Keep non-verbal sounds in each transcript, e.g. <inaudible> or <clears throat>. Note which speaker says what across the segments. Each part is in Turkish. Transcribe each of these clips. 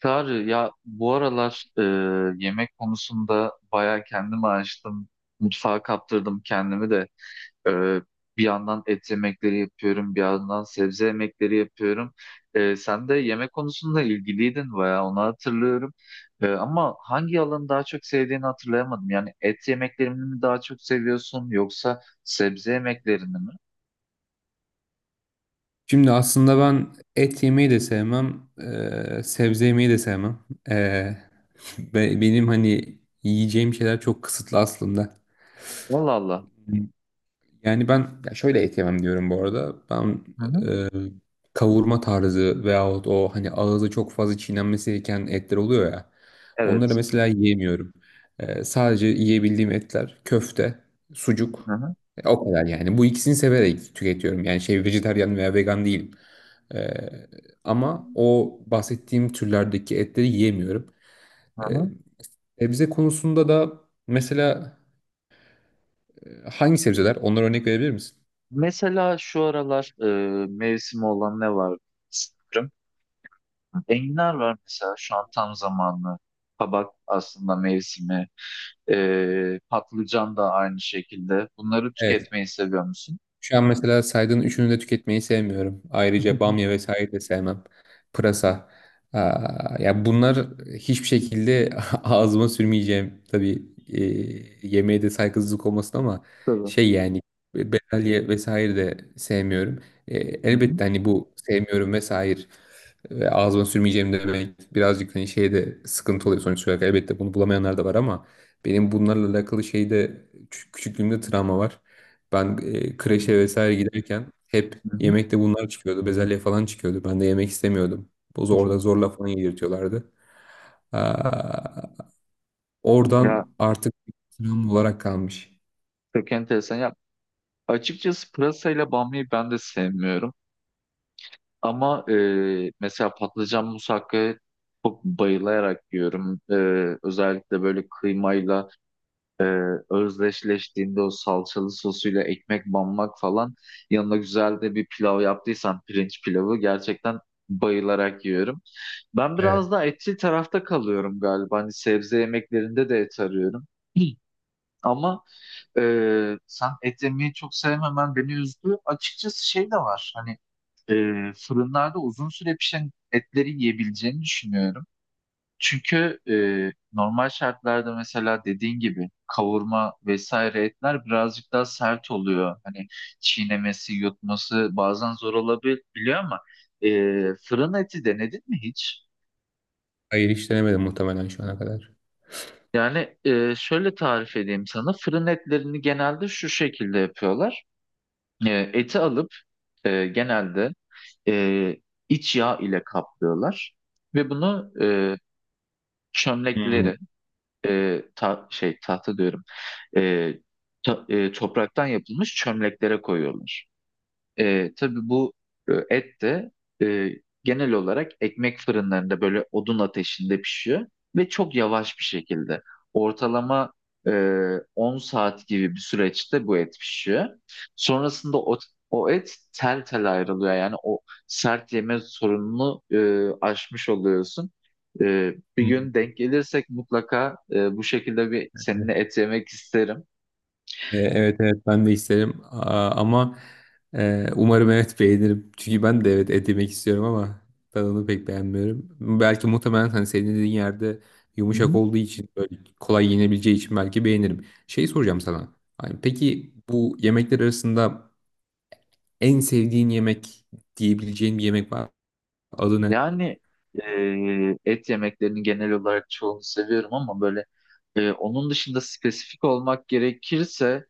Speaker 1: Tarık ya bu aralar yemek konusunda bayağı kendimi açtım. Mutfağa kaptırdım kendimi de. E, Bir yandan et yemekleri yapıyorum, bir yandan sebze yemekleri yapıyorum. Sen de yemek konusunda ilgiliydin bayağı, onu hatırlıyorum. Ama hangi alanı daha çok sevdiğini hatırlayamadım. Yani et yemeklerini mi daha çok seviyorsun yoksa sebze yemeklerini mi?
Speaker 2: Şimdi aslında ben et yemeyi de sevmem, sebze yemeyi de sevmem. Eee, <laughs> benim hani yiyeceğim şeyler çok kısıtlı aslında.
Speaker 1: Allah Allah.
Speaker 2: Yani ben ya şöyle et yemem diyorum bu arada. Ben
Speaker 1: Hı hı.
Speaker 2: e, kavurma tarzı veyahut o hani ağzı çok fazla çiğnenmesi gereken etler oluyor ya. Onları
Speaker 1: Evet.
Speaker 2: mesela yiyemiyorum. Sadece yiyebildiğim etler köfte,
Speaker 1: Hı
Speaker 2: sucuk.
Speaker 1: hı.
Speaker 2: O kadar yani. Bu ikisini severek tüketiyorum. Yani şey vejetaryen veya vegan değilim. E, Ama o bahsettiğim türlerdeki etleri yiyemiyorum.
Speaker 1: Hı
Speaker 2: E,
Speaker 1: hı.
Speaker 2: Sebze konusunda da mesela hangi sebzeler? Onlara örnek verebilir misin?
Speaker 1: Mesela şu aralar mevsimi olan ne var? Sanırım. Enginar var mesela, şu an tam zamanlı. Kabak aslında mevsimi. Patlıcan da aynı şekilde. Bunları
Speaker 2: Evet.
Speaker 1: tüketmeyi seviyor musun?
Speaker 2: Şu an mesela saydığın üçünü de tüketmeyi sevmiyorum.
Speaker 1: <laughs> Hı
Speaker 2: Ayrıca
Speaker 1: hı.
Speaker 2: bamya vesaire de sevmem. Pırasa. Aa, ya bunlar hiçbir şekilde <laughs> ağzıma sürmeyeceğim. Tabii yemeğe de saygısızlık olmasın ama
Speaker 1: Tabii.
Speaker 2: şey yani bezelye vesaire de sevmiyorum.
Speaker 1: Hı hı.
Speaker 2: Elbette hani bu sevmiyorum vesaire ve ağzıma sürmeyeceğim demek birazcık hani şeyde sıkıntı oluyor sonuç olarak. Elbette bunu bulamayanlar da var ama benim bunlarla alakalı şeyde küçüklüğümde travma var. Ben
Speaker 1: Tabii.
Speaker 2: kreşe vesaire giderken hep
Speaker 1: Hı hı.
Speaker 2: yemekte bunlar çıkıyordu. Bezelye falan çıkıyordu. Ben de yemek istemiyordum. Orada
Speaker 1: <laughs>
Speaker 2: zorla falan yedirtiyorlardı. Aa,
Speaker 1: Ya
Speaker 2: oradan artık travma olarak kalmış.
Speaker 1: çok enteresan. Ya, açıkçası pırasayla bamyayı ben de sevmiyorum. Ama mesela patlıcan musakkayı çok bayılarak yiyorum. Özellikle böyle kıymayla özdeşleştiğinde, o salçalı sosuyla ekmek banmak falan, yanına güzel de bir pilav yaptıysan, pirinç pilavı, gerçekten bayılarak yiyorum. Ben biraz
Speaker 2: Evet.
Speaker 1: daha etçil tarafta kalıyorum galiba. Hani sebze yemeklerinde de et arıyorum. <clears throat> Hı. Ama e, sen et yemeyi çok sevmemen beni üzdü. Açıkçası şey de var. Hani e, fırınlarda uzun süre pişen etleri yiyebileceğini düşünüyorum. Çünkü normal şartlarda mesela dediğin gibi kavurma vesaire etler birazcık daha sert oluyor. Hani çiğnemesi, yutması bazen zor olabiliyor ama e, fırın eti denedin mi hiç?
Speaker 2: Hayır, hiç denemedim muhtemelen şu ana kadar.
Speaker 1: Yani şöyle tarif edeyim sana. Fırın etlerini genelde şu şekilde yapıyorlar. Eti alıp genelde e, iç yağ ile kaplıyorlar ve bunu
Speaker 2: Hmm.
Speaker 1: çömlekleri, şey, tahta diyorum, e, topraktan yapılmış çömleklere koyuyorlar. Tabii bu et de e, genel olarak ekmek fırınlarında böyle odun ateşinde pişiyor ve çok yavaş bir şekilde. Ortalama e, 10 saat gibi bir süreçte bu et pişiyor. Sonrasında o, o et tel tel ayrılıyor. Yani o sert yeme sorununu aşmış oluyorsun. Bir gün denk gelirsek mutlaka bu şekilde bir seninle et yemek isterim.
Speaker 2: Evet, evet ben de isterim ama umarım evet beğenirim. Çünkü ben de evet et yemek istiyorum ama tadını pek beğenmiyorum. Belki muhtemelen hani senin dediğin yerde
Speaker 1: Hı
Speaker 2: yumuşak
Speaker 1: hı.
Speaker 2: olduğu için böyle kolay yenebileceği için belki beğenirim. Şey soracağım sana. Hani peki bu yemekler arasında en sevdiğin yemek diyebileceğin bir yemek var. Adı ne?
Speaker 1: Yani et yemeklerinin genel olarak çoğunu seviyorum ama böyle onun dışında spesifik olmak gerekirse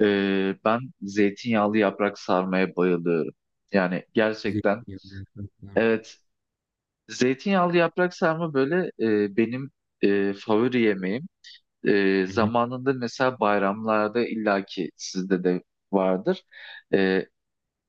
Speaker 1: ben zeytinyağlı yaprak sarmaya bayılıyorum. Yani gerçekten,
Speaker 2: Zeytinyağlı.
Speaker 1: evet, zeytinyağlı yaprak sarma böyle benim favori yemeğim.
Speaker 2: Hı hı.
Speaker 1: Zamanında mesela bayramlarda illaki sizde de vardır. E,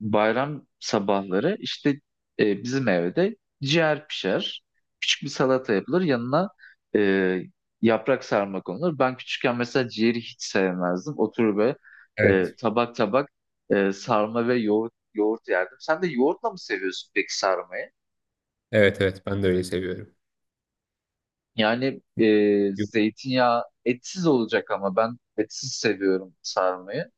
Speaker 1: Bayram sabahları işte bizim evde ciğer pişer. Küçük bir salata yapılır. Yanına e, yaprak sarma konulur. Ben küçükken mesela ciğeri hiç sevmezdim. Oturur ve
Speaker 2: Evet,
Speaker 1: tabak tabak sarma ve yoğurt yerdim. Sen de yoğurtla mı seviyorsun peki sarmayı?
Speaker 2: evet, evet. Ben de öyle seviyorum.
Speaker 1: Yani zeytinyağı etsiz olacak ama ben etsiz seviyorum sarmayı.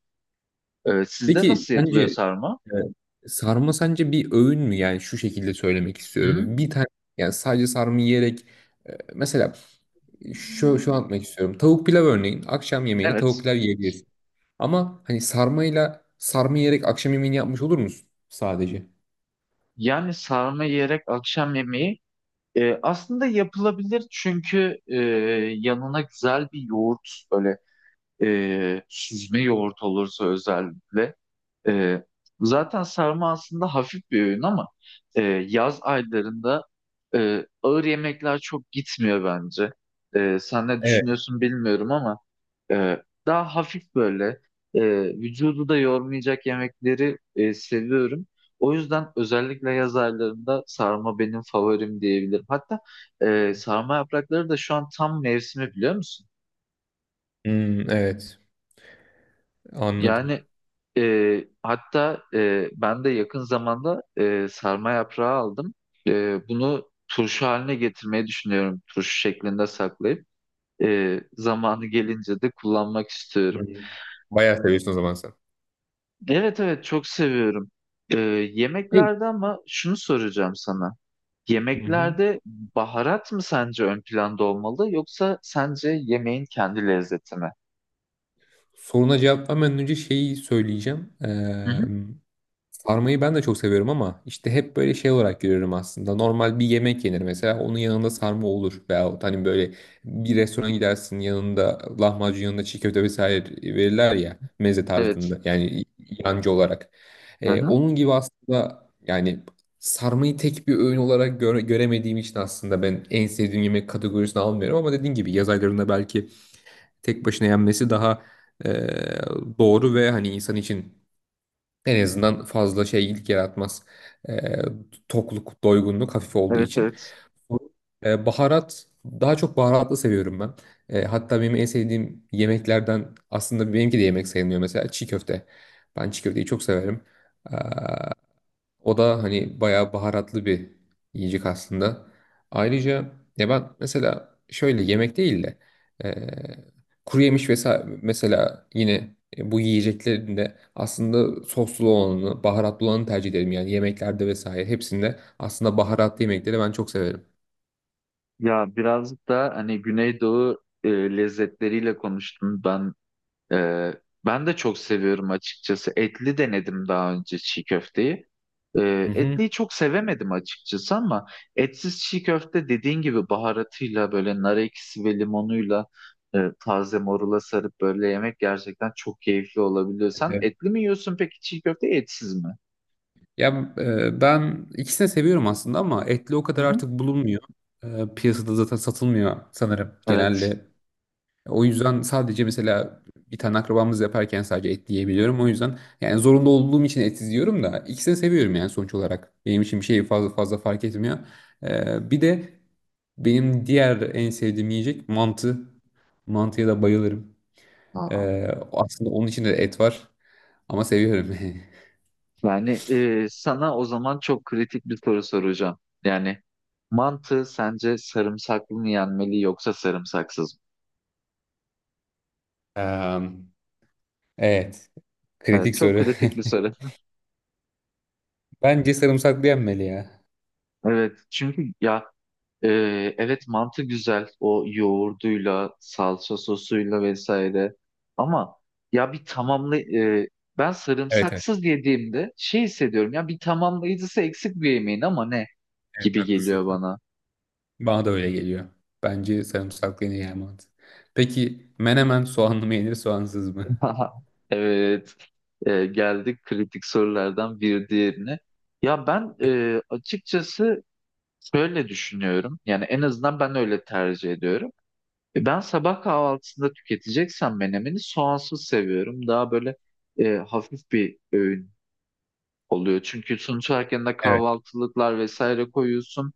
Speaker 1: Sizde
Speaker 2: Peki
Speaker 1: nasıl yapılıyor
Speaker 2: sence,
Speaker 1: sarma?
Speaker 2: evet, sarma sence bir öğün mü? Yani şu şekilde söylemek
Speaker 1: Hı-hı.
Speaker 2: istiyorum. Bir tane yani sadece sarma yiyerek mesela şu anlatmak istiyorum. Tavuk pilav örneğin akşam yemeğine tavuk
Speaker 1: Evet.
Speaker 2: pilav yiyebilirsin. Ama hani sarmayla sarma yiyerek akşam yemeğini yapmış olur musun sadece?
Speaker 1: Yani sarma yiyerek akşam yemeği, aslında yapılabilir çünkü yanına güzel bir yoğurt, böyle süzme yoğurt olursa özellikle, ee, zaten sarma aslında hafif bir öğün ama e, yaz aylarında ağır yemekler çok gitmiyor bence. Sen ne
Speaker 2: Evet.
Speaker 1: düşünüyorsun bilmiyorum ama daha hafif böyle e, vücudu da yormayacak yemekleri seviyorum. O yüzden özellikle yaz aylarında sarma benim favorim diyebilirim. Hatta sarma yaprakları da şu an tam mevsimi, biliyor musun?
Speaker 2: Hmm, evet. Anladım.
Speaker 1: Yani hatta ben de yakın zamanda sarma yaprağı aldım. Bunu turşu haline getirmeyi düşünüyorum. Turşu şeklinde saklayıp zamanı gelince de kullanmak istiyorum.
Speaker 2: Hmm. Bayağı seviyorsun o zaman sen.
Speaker 1: Evet, evet, çok seviyorum. E,
Speaker 2: Hey.
Speaker 1: Yemeklerde, ama şunu soracağım sana.
Speaker 2: Hı hı.
Speaker 1: Yemeklerde baharat mı sence ön planda olmalı yoksa sence yemeğin kendi lezzeti mi?
Speaker 2: Soruna cevap vermeden önce şeyi söyleyeceğim.
Speaker 1: Hı hı.
Speaker 2: Sarmayı ben de çok seviyorum ama işte hep böyle şey olarak görüyorum aslında. Normal bir yemek yenir mesela onun yanında sarma olur. Veyahut hani böyle bir restorana gidersin yanında lahmacun yanında çiğ köfte vesaire verirler ya meze
Speaker 1: Evet.
Speaker 2: tarzında yani yancı olarak.
Speaker 1: Hı hı.
Speaker 2: Onun gibi aslında yani sarmayı tek bir öğün olarak göremediğim için aslında ben en sevdiğim yemek kategorisine almıyorum. Ama dediğin gibi yaz aylarında belki tek başına yenmesi daha e, doğru ve hani insan için en azından fazla şeylik yaratmaz. Ee, tokluk, doygunluk hafif olduğu
Speaker 1: Evet,
Speaker 2: için.
Speaker 1: evet.
Speaker 2: Baharat, daha çok baharatlı seviyorum ben. Hatta benim en sevdiğim yemeklerden aslında benimki de yemek sayılmıyor mesela çiğ köfte. Ben çiğ köfteyi çok severim. O da hani bayağı baharatlı bir yiyecek aslında. Ayrıca ya ben mesela şöyle yemek değil de eee kuru yemiş vesaire mesela yine bu yiyeceklerinde aslında soslu olanı, baharatlı olanı tercih ederim. Yani yemeklerde vesaire hepsinde aslında baharatlı yemekleri ben çok severim.
Speaker 1: Ya birazcık da hani Güneydoğu lezzetleriyle konuştum ben. E, Ben de çok seviyorum açıkçası. Etli denedim daha önce çiğ köfteyi.
Speaker 2: Hı hı.
Speaker 1: Etliyi çok sevemedim açıkçası ama etsiz çiğ köfte, dediğin gibi, baharatıyla, böyle nar ekşisi ve limonuyla taze morula sarıp böyle yemek gerçekten çok keyifli olabiliyor. Sen
Speaker 2: Evet.
Speaker 1: etli mi yiyorsun peki çiğ köfte, etsiz mi?
Speaker 2: Ya ben ikisini seviyorum aslında ama etli o
Speaker 1: Hı
Speaker 2: kadar
Speaker 1: hı.
Speaker 2: artık bulunmuyor. Piyasada zaten satılmıyor sanırım.
Speaker 1: Evet.
Speaker 2: Genelde o yüzden sadece mesela bir tane akrabamız yaparken sadece et yiyebiliyorum. O yüzden yani zorunda olduğum için et yiyorum da ikisini seviyorum yani sonuç olarak. Benim için bir şey fazla fark etmiyor. Bir de benim diğer en sevdiğim yiyecek mantı. Mantıya da bayılırım.
Speaker 1: Aa.
Speaker 2: Aslında onun içinde de et var ama seviyorum. <laughs>
Speaker 1: Yani sana o zaman çok kritik bir soru soracağım. Yani mantı sence sarımsaklı mı yenmeli yoksa sarımsaksız mı?
Speaker 2: Em, evet,
Speaker 1: Evet,
Speaker 2: kritik
Speaker 1: çok
Speaker 2: soru.
Speaker 1: kritik bir soru. <laughs>
Speaker 2: <laughs> Bence sarımsaklı yenmeli ya.
Speaker 1: Evet, çünkü ya e, evet, mantı güzel o yoğurduyla, salça sosuyla vesaire. Ama ya bir tamamlı, ben
Speaker 2: Evet, evet,
Speaker 1: sarımsaksız yediğimde şey hissediyorum, ya bir tamamlayıcısı eksik bir yemeğin ama, ne
Speaker 2: evet
Speaker 1: gibi geliyor
Speaker 2: haklısın.
Speaker 1: bana.
Speaker 2: Bana da öyle geliyor. Bence sarımsaklı en iyi emanet. Peki menemen soğanlı mı yenir soğansız mı?
Speaker 1: <laughs> Haha, evet, geldik kritik sorulardan bir diğerine. Ya ben açıkçası şöyle düşünüyorum. Yani en azından ben öyle tercih ediyorum. Ben sabah kahvaltısında tüketeceksem menemeni soğansız seviyorum. Daha böyle hafif bir öğün oluyor. Çünkü sonuç olarak yanına
Speaker 2: Evet.
Speaker 1: kahvaltılıklar vesaire koyuyorsun.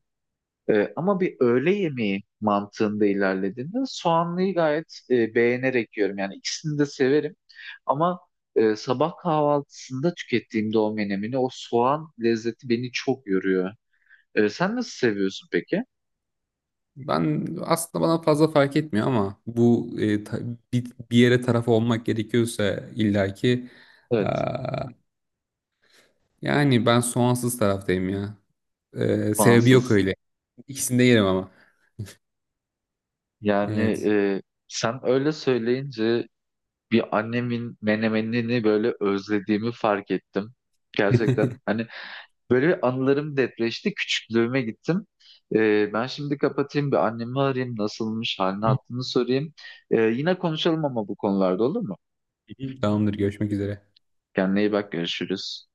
Speaker 1: Ama bir öğle yemeği mantığında ilerlediğinde soğanlıyı gayet beğenerek yiyorum. Yani ikisini de severim. Ama sabah kahvaltısında tükettiğimde o menemini, o soğan lezzeti beni çok yoruyor. Sen nasıl seviyorsun peki?
Speaker 2: Ben aslında bana fazla fark etmiyor ama bu bir yere taraf olmak gerekiyorsa illaki
Speaker 1: Evet,
Speaker 2: aa, yani ben soğansız taraftayım ya. Sebebi yok
Speaker 1: soğansız.
Speaker 2: öyle. İkisini de yerim ama.
Speaker 1: Yani
Speaker 2: Evet.
Speaker 1: e, sen öyle söyleyince bir annemin menemenini böyle özlediğimi fark ettim. Gerçekten, hani böyle bir anılarım depreşti. Küçüklüğüme gittim. Ben şimdi kapatayım, bir annemi arayayım. Nasılmış, halini
Speaker 2: <laughs>
Speaker 1: hattını sorayım. Yine konuşalım ama bu konularda, olur mu?
Speaker 2: Tamamdır, görüşmek üzere.
Speaker 1: Kendine iyi bak, görüşürüz.